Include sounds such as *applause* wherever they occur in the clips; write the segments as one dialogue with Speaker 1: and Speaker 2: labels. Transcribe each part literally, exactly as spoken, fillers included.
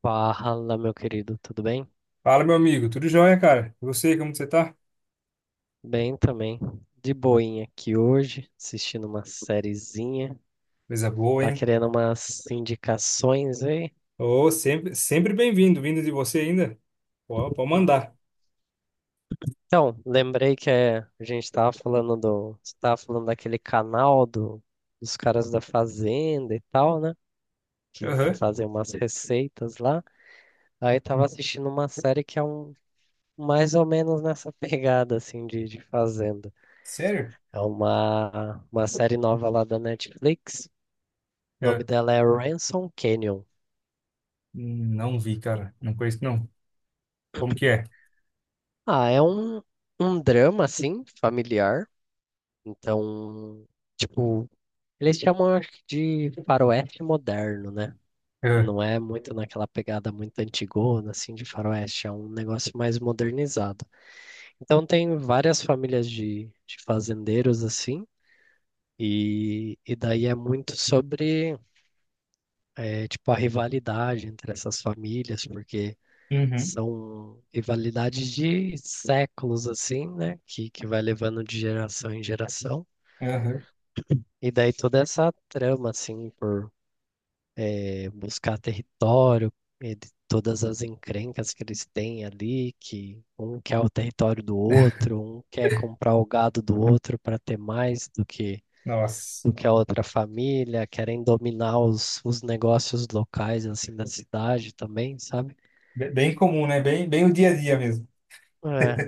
Speaker 1: Fala, meu querido, tudo bem?
Speaker 2: Fala, meu amigo. Tudo jóia, cara? E você, como você tá?
Speaker 1: Bem também. De boinha aqui hoje, assistindo uma sériezinha.
Speaker 2: Coisa boa,
Speaker 1: Tá
Speaker 2: hein?
Speaker 1: querendo umas indicações aí?
Speaker 2: Ô, sempre, sempre bem-vindo. Vindo de você ainda? Pô, pode
Speaker 1: Hum.
Speaker 2: mandar.
Speaker 1: Então, lembrei que é, a gente tava falando do, você tava falando daquele canal do, dos caras da fazenda e tal, né? Que, que
Speaker 2: Aham.
Speaker 1: fazem umas receitas lá. Aí tava assistindo uma série que é um mais ou menos nessa *laughs* pegada assim de, de fazenda.
Speaker 2: Sério?
Speaker 1: É uma uma série nova lá da Netflix. O nome
Speaker 2: É.
Speaker 1: dela é Ransom Canyon.
Speaker 2: Não vi, cara. Não conheço, não. Como que é?
Speaker 1: Ah, é um, um drama, assim, familiar. Então, tipo, eles chamam, acho que, de faroeste moderno, né? E
Speaker 2: Aham.
Speaker 1: não é muito naquela pegada muito antigona, assim, de faroeste. É um negócio mais modernizado. Então, tem várias famílias de, de fazendeiros, assim. E, e daí é muito sobre, eh, tipo, a rivalidade entre essas famílias, porque
Speaker 2: Uhum.
Speaker 1: são rivalidades de séculos, assim, né? Que, que vai levando de geração em geração.
Speaker 2: Aham.
Speaker 1: E daí toda essa trama, assim, por eh, buscar território, e de todas as encrencas que eles têm ali, que um quer o território do outro, um quer comprar o gado do outro para ter mais do que,
Speaker 2: Nossa.
Speaker 1: do que a outra família, querem dominar os, os negócios locais, assim, da cidade também, sabe?
Speaker 2: Be- Bem comum, né? Bem, bem o dia a dia mesmo.
Speaker 1: É.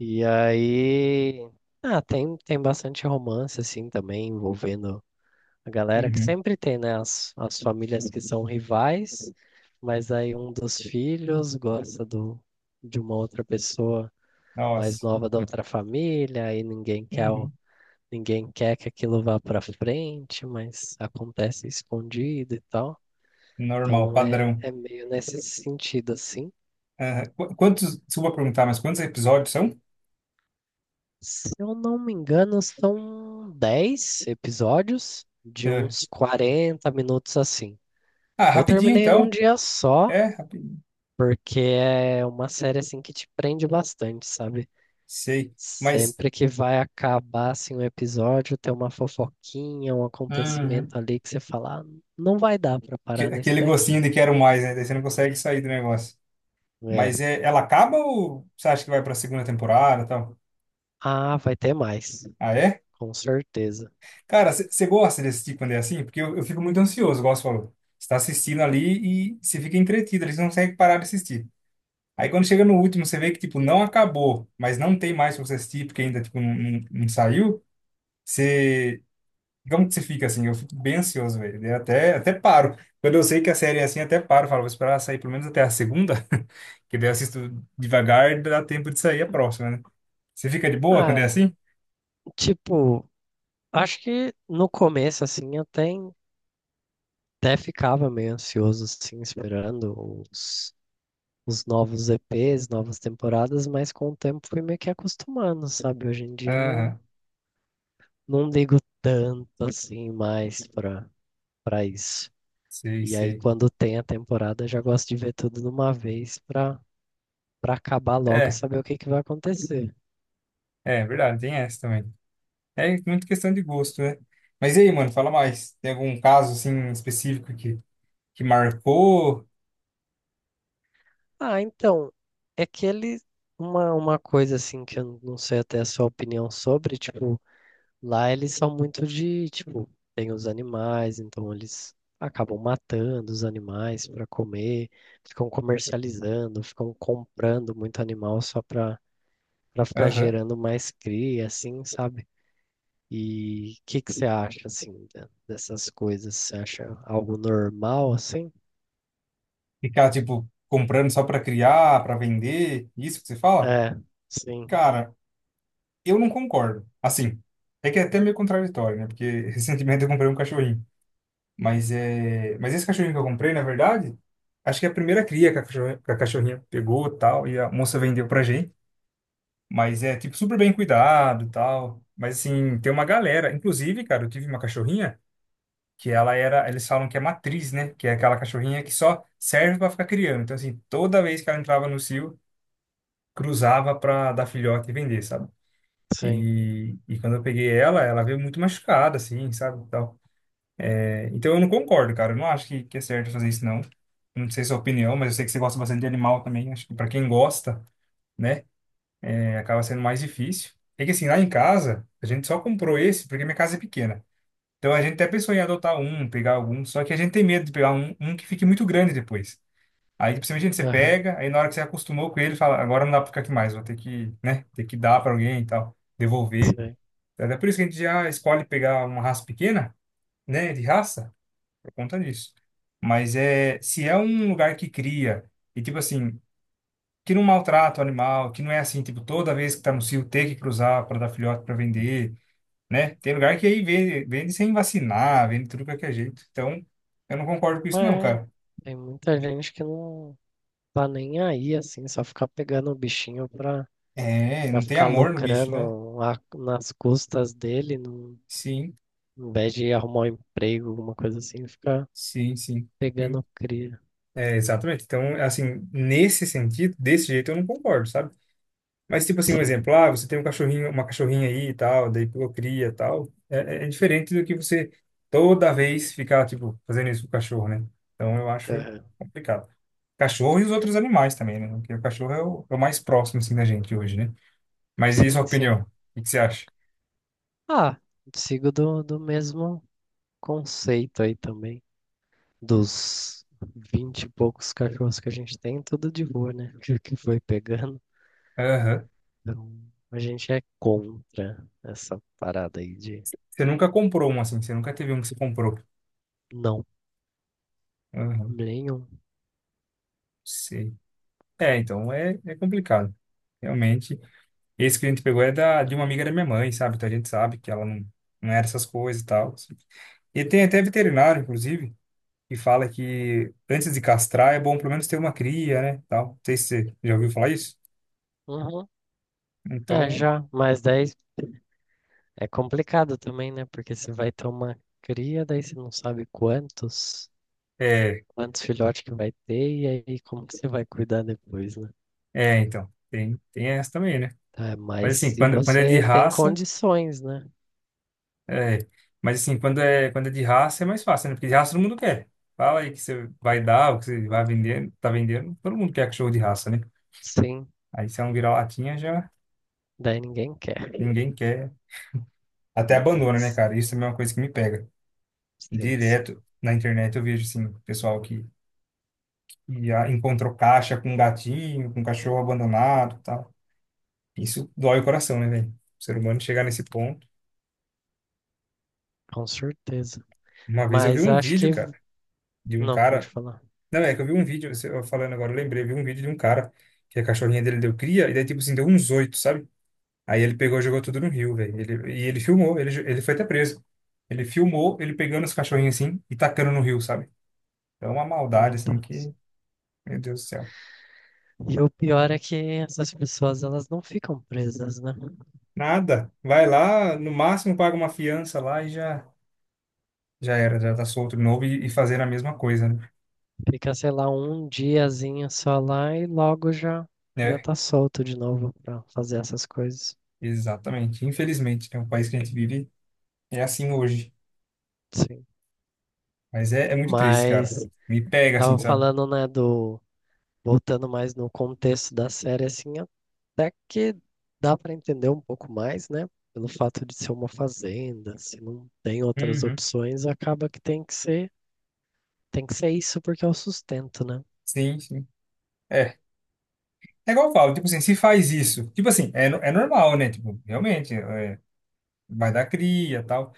Speaker 1: E aí, ah, tem, tem bastante romance, assim, também, envolvendo a galera, que
Speaker 2: Uhum. *laughs*
Speaker 1: sempre tem, né? As, as famílias que são rivais, mas aí um dos filhos gosta do, de uma outra pessoa mais
Speaker 2: Nossa.
Speaker 1: nova da outra família, aí ninguém quer, o-
Speaker 2: Uhum.
Speaker 1: ninguém quer que aquilo vá pra frente, mas acontece escondido e tal.
Speaker 2: Normal,
Speaker 1: Então é,
Speaker 2: padrão.
Speaker 1: é meio nesse sentido, assim.
Speaker 2: Aham. Qu- Quantos, desculpa perguntar, mas quantos episódios são?
Speaker 1: Se eu não me engano, são dez episódios de
Speaker 2: É.
Speaker 1: uns quarenta minutos assim.
Speaker 2: Ah,
Speaker 1: Eu
Speaker 2: rapidinho
Speaker 1: terminei num
Speaker 2: então.
Speaker 1: dia só,
Speaker 2: É, rapidinho.
Speaker 1: porque é uma série assim que te prende bastante, sabe?
Speaker 2: Sei. Mas.
Speaker 1: Sempre que vai acabar assim um episódio, tem uma fofoquinha, um
Speaker 2: Uhum.
Speaker 1: acontecimento ali que você fala, "Ah, não vai dar pra
Speaker 2: Que-
Speaker 1: parar nesse
Speaker 2: aquele gostinho
Speaker 1: daqui."
Speaker 2: de quero mais, né? Daí você não consegue sair do negócio.
Speaker 1: É.
Speaker 2: Mas é, ela acaba ou você acha que vai pra segunda temporada e tal?
Speaker 1: Ah, vai ter mais,
Speaker 2: Ah, é?
Speaker 1: com certeza.
Speaker 2: Cara, você gosta de assistir quando é assim? Porque eu, eu fico muito ansioso, igual você falou. Você tá assistindo ali e você fica entretido, ali você não consegue parar de assistir. Aí quando chega no último, você vê que, tipo, não acabou, mas não tem mais pra você assistir, porque ainda, tipo, não, não não saiu. Você. Como que você fica assim? Eu fico bem ansioso, velho. Eu até, até paro. Quando eu sei que a série é assim, até paro. Falo, vou esperar sair pelo menos até a segunda, *laughs* que daí eu assisto devagar, e dá tempo de sair a próxima, né? Você fica de boa quando é
Speaker 1: Ah,
Speaker 2: assim?
Speaker 1: tipo, acho que no começo assim eu até Até ficava meio ansioso, assim, esperando os, os novos E Pês, novas temporadas, mas com o tempo fui meio que acostumando, sabe? Hoje em dia não,
Speaker 2: Aham,
Speaker 1: não ligo tanto, assim, mais pra, pra isso.
Speaker 2: sei,
Speaker 1: E aí,
Speaker 2: sei.
Speaker 1: quando tem a temporada, já gosto de ver tudo de uma vez pra, pra acabar logo e
Speaker 2: É,
Speaker 1: saber o que que vai acontecer.
Speaker 2: é verdade, tem essa também. É muito questão de gosto, né? Mas e aí, mano, fala mais. Tem algum caso, assim, específico que, que marcou?
Speaker 1: Ah, então, é que ele. Uma, uma coisa, assim, que eu não sei até a sua opinião sobre, tipo, lá eles são muito de, tipo, tem os animais, então eles acabam matando os animais para comer, ficam comercializando, ficam comprando muito animal só para para ficar
Speaker 2: Aham.
Speaker 1: gerando mais cria, assim, sabe? E o que que você acha, assim, de- dessas coisas? Você acha algo normal, assim?
Speaker 2: Ficar, tipo, comprando só pra criar, pra vender? Isso que você fala?
Speaker 1: É, sim,
Speaker 2: Cara, eu não concordo. Assim, é que é até meio contraditório, né? Porque *laughs* recentemente eu comprei um cachorrinho. Mas é, mas esse cachorrinho que eu comprei, na verdade, acho que é a primeira cria que a cachorrinha, que a cachorrinha pegou, tal, e a moça vendeu pra gente. Mas é tipo super bem cuidado, tal. Mas assim, tem uma galera, inclusive, cara, eu tive uma cachorrinha que ela era, eles falam que é matriz, né? Que é aquela cachorrinha que só serve pra ficar criando. Então assim, toda vez que ela entrava no cio, cruzava pra dar filhote e vender, sabe?
Speaker 1: sim,
Speaker 2: E, e quando eu peguei ela, ela veio muito machucada, assim, sabe? E tal. É, então eu não concordo, cara. Eu não acho que, que é certo fazer isso, não. Não sei sua opinião, mas eu sei que você gosta bastante de animal também. Acho que pra quem gosta, né, é, acaba sendo mais difícil. É que assim, lá em casa, a gente só comprou esse porque minha casa é pequena. Então a gente até pensou em adotar um, pegar algum, só que a gente tem medo de pegar um, um que fique muito grande depois. Aí, principalmente, você
Speaker 1: aham,
Speaker 2: pega, aí na hora que você acostumou com ele, fala, agora não dá pra ficar aqui mais, vou ter que, né, ter que dar pra alguém e tal, devolver.
Speaker 1: sim.
Speaker 2: É é por isso que a gente já escolhe pegar uma raça pequena, né, de raça, por conta disso. Mas é, se é um lugar que cria, e tipo assim, que não maltrata o animal, que não é assim, tipo, toda vez que tá no cio ter que cruzar para dar filhote para vender, né? Tem lugar que aí vende, vende sem vacinar, vende tudo de qualquer jeito. Então, eu não concordo com isso não,
Speaker 1: É,
Speaker 2: cara.
Speaker 1: tem muita gente que não tá nem aí, assim, só ficar pegando o bichinho pra
Speaker 2: É,
Speaker 1: pra
Speaker 2: não tem
Speaker 1: ficar
Speaker 2: amor no bicho, né?
Speaker 1: lucrando a- nas custas dele, não,
Speaker 2: Sim,
Speaker 1: em vez de arrumar um emprego, alguma coisa assim, ficar
Speaker 2: sim, sim. Hum.
Speaker 1: pegando cria.
Speaker 2: É, exatamente. Então, assim, nesse sentido, desse jeito eu não concordo, sabe? Mas, tipo assim, um
Speaker 1: Sim,
Speaker 2: exemplo, ah, você tem um cachorrinho, uma cachorrinha aí e tal, daí pô, cria e tal. É, é é diferente do que você toda vez ficar, tipo, fazendo isso com o cachorro, né? Então eu acho
Speaker 1: aham.
Speaker 2: complicado. Cachorro e os outros animais também, né? Porque o cachorro é o, é o mais próximo, assim, da gente hoje, né? Mas e a sua
Speaker 1: Sim, sim.
Speaker 2: opinião? O que que você acha?
Speaker 1: Ah, sigo do, do mesmo conceito aí também. Dos vinte e poucos cachorros que a gente tem, tudo de boa, né? *laughs* Que que foi pegando.
Speaker 2: Aham.
Speaker 1: Então, a gente é contra essa parada aí de
Speaker 2: Você nunca comprou um, assim, você nunca teve um que você comprou.
Speaker 1: não,
Speaker 2: Aham,
Speaker 1: nenhum.
Speaker 2: sei. É, então é, é complicado. Realmente. Esse que a gente pegou é da, de uma amiga da minha mãe, sabe? Então a gente sabe que ela não, não era essas coisas e tal. Assim. E tem até veterinário, inclusive, que fala que antes de castrar é bom pelo menos ter uma cria, né? Tal. Não sei se você já ouviu falar isso.
Speaker 1: Uhum. É,
Speaker 2: Então,
Speaker 1: já, mais dez. É complicado também, né? Porque você vai ter uma cria, daí você não sabe quantos,
Speaker 2: é,
Speaker 1: quantos filhotes que vai ter, e aí como que você vai cuidar depois, né?
Speaker 2: é, então, tem, tem essa também, né?
Speaker 1: Tá,
Speaker 2: Mas
Speaker 1: mas
Speaker 2: assim,
Speaker 1: se
Speaker 2: quando, quando é de
Speaker 1: você tem
Speaker 2: raça,
Speaker 1: condições, né?
Speaker 2: é, mas assim, quando é, quando é de raça é mais fácil, né? Porque de raça todo mundo quer. Fala aí que você vai dar, o que você vai vender, tá vendendo, todo mundo quer cachorro de raça, né?
Speaker 1: Sim,
Speaker 2: Aí se é um vira-latinha já
Speaker 1: daí ninguém quer.
Speaker 2: ninguém quer. Até abandona, né,
Speaker 1: Coitados.
Speaker 2: cara? Isso também é uma coisa que me pega.
Speaker 1: Sim, sim,
Speaker 2: Direto na internet eu vejo, assim, pessoal que ia, encontrou caixa com gatinho, com cachorro abandonado e tal. Isso dói o coração, né, velho? O ser humano chegar nesse ponto.
Speaker 1: com certeza.
Speaker 2: Uma vez eu vi
Speaker 1: Mas
Speaker 2: um
Speaker 1: acho que.
Speaker 2: vídeo, cara, de um
Speaker 1: Não, pode
Speaker 2: cara.
Speaker 1: falar.
Speaker 2: Não, é que eu vi um vídeo, você- eu falando agora, eu lembrei, eu vi um vídeo de um cara que a cachorrinha dele deu cria, e daí, tipo assim, deu uns oito, sabe? Aí ele pegou e jogou tudo no rio, velho. Ele, e ele filmou, ele, ele foi até preso. Ele filmou ele pegando os cachorrinhos assim e tacando no rio, sabe? Então, é uma
Speaker 1: Meu
Speaker 2: maldade, assim,
Speaker 1: Deus.
Speaker 2: que. Meu Deus do céu.
Speaker 1: E o pior é que essas pessoas, elas não ficam presas, né?
Speaker 2: Nada. Vai lá, no máximo paga uma fiança lá e já, já era, já tá solto de novo e, e fazer a mesma coisa, né?
Speaker 1: Fica, sei lá, um diazinho só lá e logo já já
Speaker 2: É,
Speaker 1: tá solto de novo pra fazer essas coisas.
Speaker 2: exatamente. Infelizmente, né? O país que a gente vive é assim hoje.
Speaker 1: Sim.
Speaker 2: Mas é, é muito triste,
Speaker 1: Mas
Speaker 2: cara. Me pega assim,
Speaker 1: tava
Speaker 2: sabe?
Speaker 1: falando, né, do voltando mais no contexto da série assim, até que dá pra entender um pouco mais, né? Pelo fato de ser uma fazenda, se não tem outras
Speaker 2: Uhum.
Speaker 1: opções, acaba que tem que ser, tem que ser isso porque é o sustento, né?
Speaker 2: Sim, sim. É. É igual eu falo, tipo assim, se faz isso, tipo assim, é, no- é normal, né? Tipo, realmente, é, vai dar cria e tal.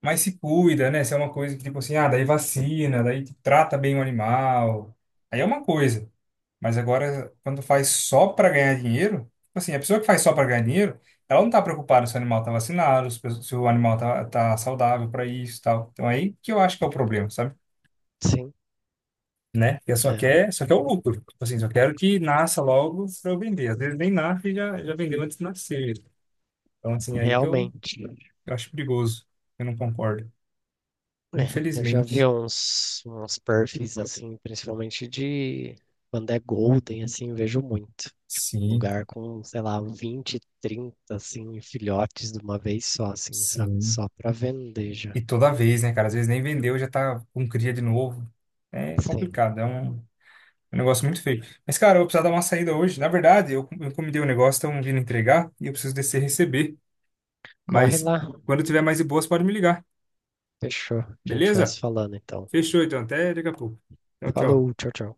Speaker 2: Mas se cuida, né? Se é uma coisa que, tipo assim, ah, daí vacina, daí tipo, trata bem o animal. Aí é uma coisa. Mas agora, quando faz só para ganhar dinheiro, tipo assim, a pessoa que faz só para ganhar dinheiro, ela não tá preocupada se o animal tá vacinado, se o se o animal tá, tá saudável para isso e tal. Então é aí que eu acho que é o problema, sabe?
Speaker 1: Sim,
Speaker 2: Né? Porque só
Speaker 1: é,
Speaker 2: quer, só quer o lucro. Tipo assim, só quero que nasça logo para eu vender. Às vezes nem nasce e já, já vendeu antes de nascer. Então, assim, é aí que eu,
Speaker 1: realmente.
Speaker 2: eu acho perigoso. Eu não concordo.
Speaker 1: É, eu já vi
Speaker 2: Infelizmente.
Speaker 1: uns, uns perfis assim, principalmente de quando é golden, assim, vejo muito.
Speaker 2: Sim,
Speaker 1: Lugar com, sei lá, vinte, trinta assim, filhotes de uma vez só, assim, sabe?
Speaker 2: sim.
Speaker 1: Só pra vender já.
Speaker 2: E toda vez, né, cara? Às vezes nem vendeu, já tá com cria de novo. É
Speaker 1: Sim.
Speaker 2: complicado. É um. É um negócio muito feio. Mas, cara, eu vou precisar dar uma saída hoje. Na verdade, eu, eu encomendei um negócio, estão vindo entregar e eu preciso descer e receber.
Speaker 1: Corre
Speaker 2: Mas
Speaker 1: lá.
Speaker 2: quando tiver mais de boas, pode me ligar.
Speaker 1: Fechou. A gente vai
Speaker 2: Beleza?
Speaker 1: se falando, então.
Speaker 2: Fechou, então. Até daqui a pouco. Tchau, tchau.
Speaker 1: Falou, tchau, tchau.